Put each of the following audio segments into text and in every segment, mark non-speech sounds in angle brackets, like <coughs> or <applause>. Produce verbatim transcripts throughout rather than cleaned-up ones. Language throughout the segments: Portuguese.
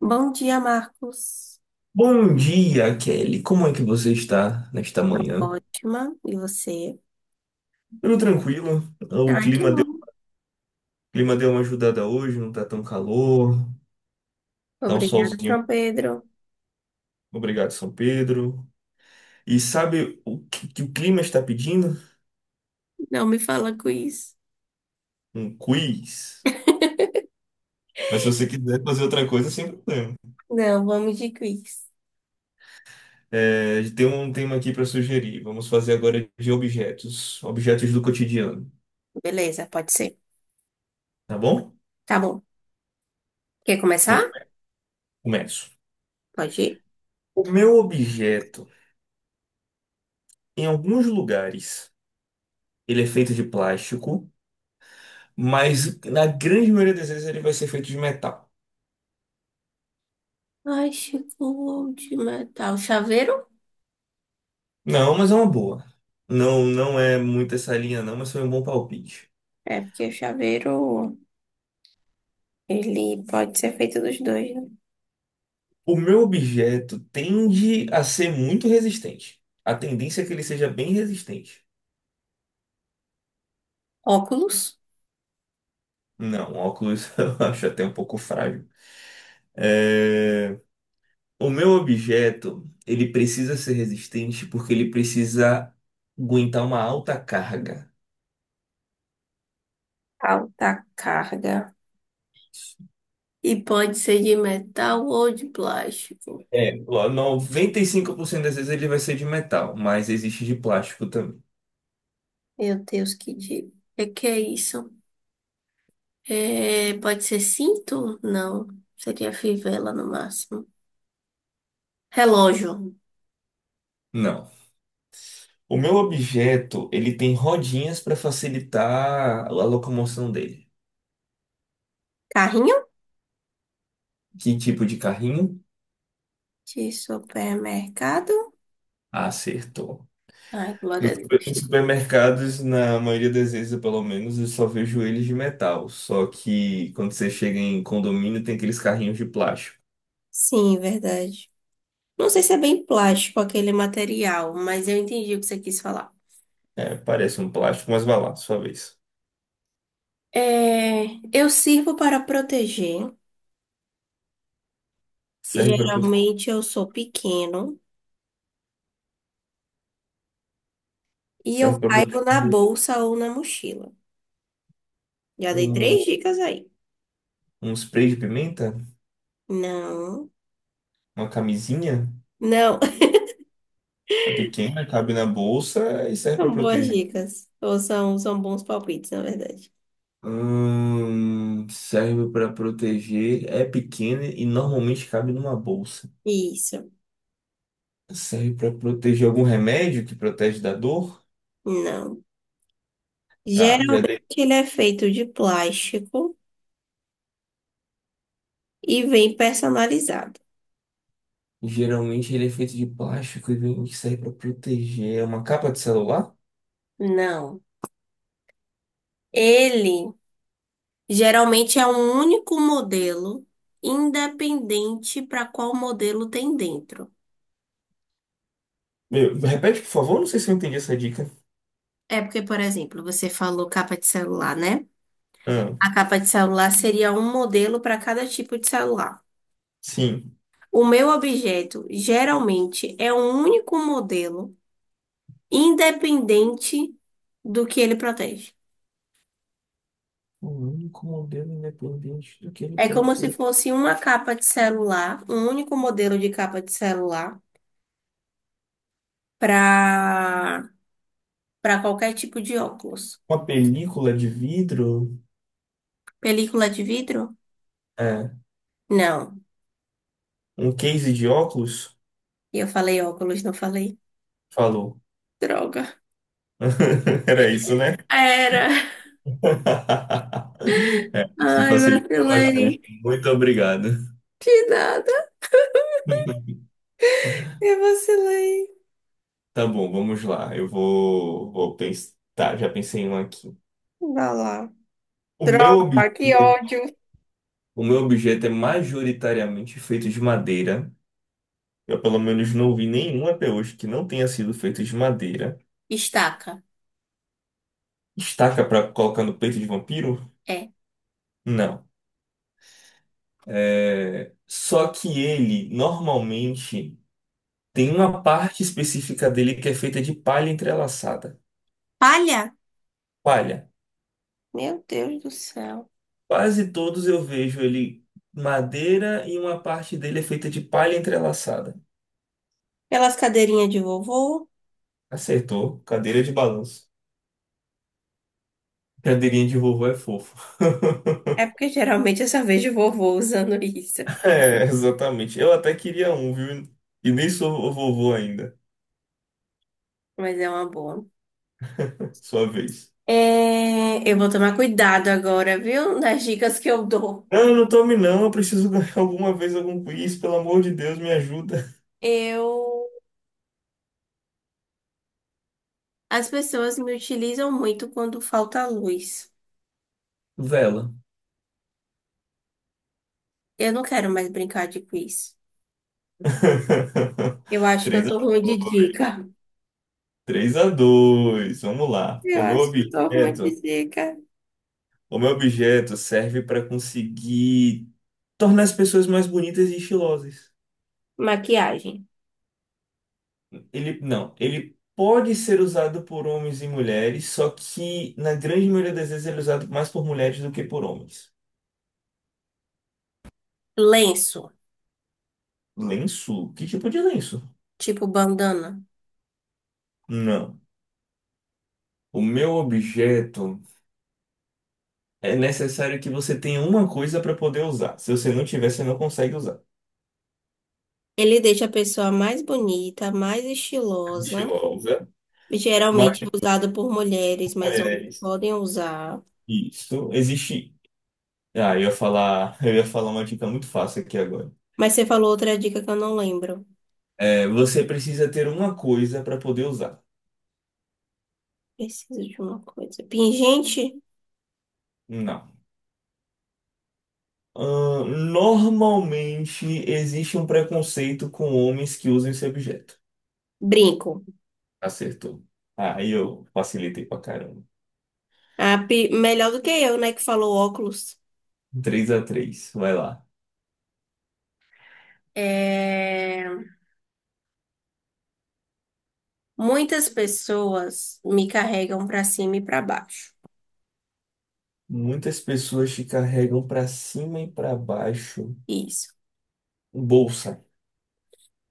Bom dia, Marcos. Bom dia, Kelly. Como é que você está nesta manhã? Ótima. E você? Tudo tranquilo? O Ai, que clima deu, bom. o clima deu uma ajudada hoje, não tá tão calor, tá um Obrigada, solzinho. São Pedro. Obrigado, São Pedro. E sabe o que, que o clima está pedindo? Não me fala quiz. Um quiz. <laughs> Mas se você quiser fazer outra coisa, sem problema. Não, vamos de quiz. É, tem um tema aqui para sugerir. Vamos fazer agora de objetos, objetos do cotidiano, Beleza, pode ser. tá bom? Tá bom. Quer Vou começar? come- Começo. Pode ir. O meu objeto, em alguns lugares, ele é feito de plástico. Mas na grande maioria das vezes ele vai ser feito de metal. Ai, chegou de metal. Chaveiro? Não, mas é uma boa. Não, não é muito essa linha não, mas foi um bom palpite. É, porque o chaveiro, ele pode ser feito dos dois, né? O meu objeto tende a ser muito resistente. A tendência é que ele seja bem resistente. Óculos, Não, óculos <laughs> eu acho até um pouco frágil. É, O meu objeto, ele precisa ser resistente porque ele precisa aguentar uma alta carga. alta carga. E pode ser de metal ou de plástico. É, ó, noventa e cinco por cento das vezes ele vai ser de metal, mas existe de plástico também. Meu Deus, que dia. É que é isso? É, pode ser cinto? Não. Seria fivela no máximo. Relógio. Não. O meu objeto, ele tem rodinhas para facilitar a locomoção dele. Carrinho? Que tipo de carrinho? De supermercado? Acertou. Ai, glória Nos a super- Nos Deus. supermercados, na maioria das vezes, eu, pelo menos, eu só vejo eles de metal. Só que quando você chega em condomínio, tem aqueles carrinhos de plástico. Sim, verdade. Não sei se é bem plástico aquele material, mas eu entendi o que você quis falar. É, parece um plástico, mas vai lá, sua vez. É, eu sirvo para proteger. Serve para prote... Geralmente eu sou pequeno e Serve eu para caibo na proteger bolsa ou na mochila. Já dei um, três dicas aí. um spray de pimenta, Não. uma camisinha. Não, É pequena, cabe na bolsa e serve para são boas proteger. dicas. Ou são, são bons palpites, na verdade. Hum, serve para proteger, é pequena e normalmente cabe numa bolsa. Isso. Serve para proteger algum remédio que protege da dor? Não. Tá, já Geralmente dei. ele é feito de plástico e vem personalizado. Geralmente ele é feito de plástico e vem que serve para proteger. É uma capa de celular? Não. Ele geralmente é um único modelo, independente para qual modelo tem dentro. Meu, repete, por favor, não sei se eu entendi essa dica. É porque, por exemplo, você falou capa de celular, né? Ah, A capa de celular seria um modelo para cada tipo de celular. sim. O meu objeto geralmente é um único modelo independente do que ele protege. O único modelo independente do que ele É como se protege. fosse uma capa de celular, um único modelo de capa de celular para para qualquer tipo de óculos. Uma película de vidro? Película de vidro? É. Não. Um case de óculos? Eu falei óculos, não falei. Falou. Droga. <laughs> Era isso, né? Era. <laughs> É, você Ai, facilitou bastante. vacilei. Muito obrigado. De nada. <laughs> <laughs> Eu vacilei. Tá bom, vamos lá. Eu vou, vou pensar. Tá, já pensei em um aqui. Vai lá. O meu Droga, que objeto, ódio. o meu objeto é majoritariamente feito de madeira. Eu, pelo menos, não vi nenhum até hoje que não tenha sido feito de madeira. Estaca. Estaca pra colocar no peito de vampiro? É. Não. É... Só que ele, normalmente, tem uma parte específica dele que é feita de palha entrelaçada. Palha? Palha. Meu Deus do céu. Quase todos eu vejo ele madeira e uma parte dele é feita de palha entrelaçada. Pelas cadeirinhas de vovô. Acertou. Cadeira de balanço. Cadeirinha de vovô é fofo. <laughs> É porque geralmente eu só vejo vovô usando isso. É, exatamente. Eu até queria um, viu? E nem sou vovô ainda. Mas é uma boa. Sua vez. É, eu vou tomar cuidado agora, viu? Nas dicas que eu dou. Não, não tome não. Eu preciso ganhar alguma vez algum quiz. Pelo amor de Deus, me ajuda. Eu. As pessoas me utilizam muito quando falta luz. Vela. Eu não quero mais brincar de quiz. <laughs> Eu acho que eu Três tô a, ruim de dica. três a dois. Vamos lá. Eu O meu acho que eu tô ruim objeto, de dica. O meu objeto serve para conseguir tornar as pessoas mais bonitas e estilosas. Maquiagem. Ele não, ele pode ser usado por homens e mulheres, só que na grande maioria das vezes ele é usado mais por mulheres do que por homens. Lenço, Lenço? Que tipo de lenço? tipo bandana. Não. O meu objeto é necessário que você tenha uma coisa para poder usar. Se você não tiver, você não consegue usar. Ele deixa a pessoa mais bonita, mais estilosa. Estilosa, Geralmente mais usado por mulheres, mas homens mulheres. podem usar. Isso existe. Ah, eu ia falar, eu ia falar uma dica muito fácil aqui agora. Mas você falou outra dica que eu não lembro. É, você precisa ter uma coisa para poder usar. Preciso de uma coisa. Pingente, Não. Ahn, normalmente existe um preconceito com homens que usam esse objeto. brinco. Acertou. Aí eu facilitei pra caramba. Ah, pi- melhor do que eu, né, que falou óculos. Três a três, vai lá. É, muitas pessoas me carregam para cima e para baixo. Muitas pessoas te carregam pra cima e pra baixo. Isso. Bolsa,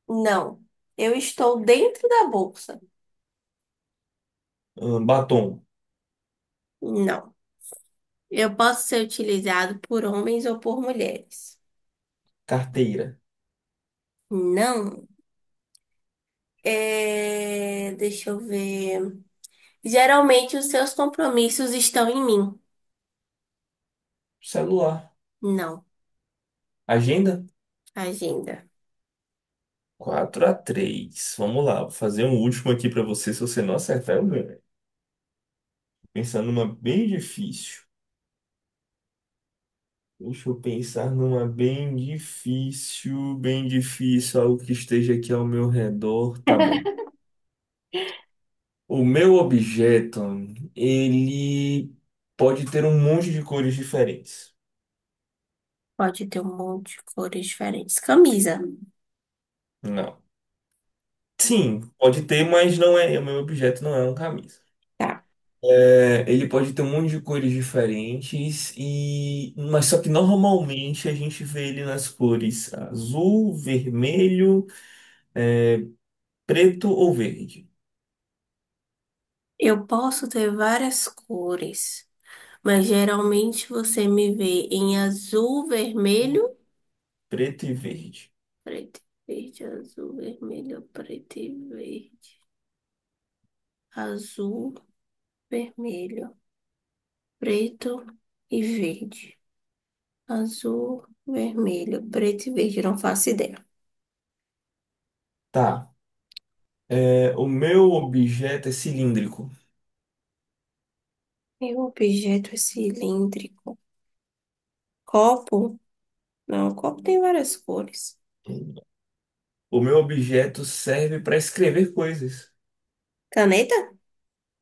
Não. Eu estou dentro da bolsa. ahn, batom, Não. Eu posso ser utilizado por homens ou por mulheres. carteira, Não. É, deixa eu ver. Geralmente os seus compromissos estão em mim. celular, Não. agenda. Agenda. Quatro a três. Vamos lá, vou fazer um último aqui pra você. Se você não acertar, eu ganho. Pensando numa bem difícil. Deixa eu pensar numa bem difícil, bem difícil, algo que esteja aqui ao meu redor. Tá bom. O meu objeto, ele pode ter um monte de cores diferentes. Pode ter um monte de cores diferentes. Camisa. Não. Sim, pode ter, mas não é. O meu objeto não é uma camisa. Tá. É, ele pode ter um monte de cores diferentes e, mas só que normalmente a gente vê ele nas cores azul, vermelho, preto ou verde. Eu posso ter várias cores, mas geralmente você me vê em azul, vermelho, Preto e verde. preto e verde, azul, vermelho, preto e verde. Azul, vermelho, preto e verde. Azul, vermelho, preto e verde. Não faço ideia. Tá. É, o meu objeto é cilíndrico. Meu objeto é cilíndrico. Copo? Não, o copo tem várias cores. O meu objeto serve para escrever coisas. Caneta?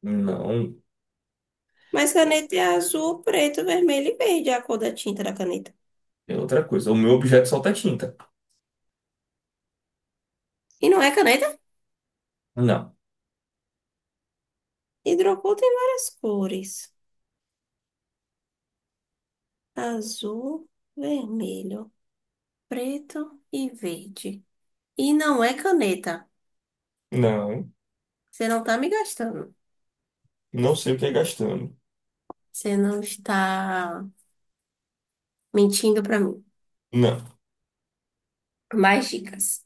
Não, Mas caneta é azul, preto, vermelho e verde, é a cor da tinta da caneta. é outra coisa. O meu objeto solta tinta. E não é caneta? Não. Hidrocor tem várias cores. Azul, vermelho, preto e verde. E não é caneta. Não, Você não tá me gastando. não sei o que é gastando. Você não está mentindo pra mim. Não. Mais dicas.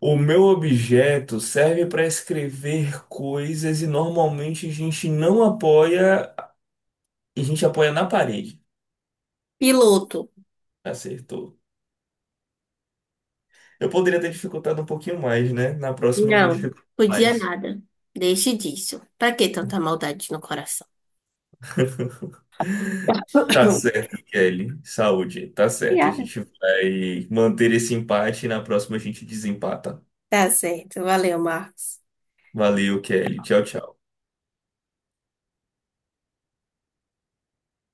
O meu objeto serve para escrever coisas e normalmente a gente não apoia, a gente apoia na parede. Piloto. Acertou. Eu poderia ter dificultado um pouquinho mais, né? Na próxima eu vou Não, dificultar podia mais. nada. Deixe disso. Pra que tanta maldade no coração? <laughs> Tá <coughs> certo, Kelly. Saúde. Tá E certo. A gente vai manter esse empate e na próxima a gente desempata. tá certo. Valeu, Marcos. Valeu, Kelly. Tchau, tchau.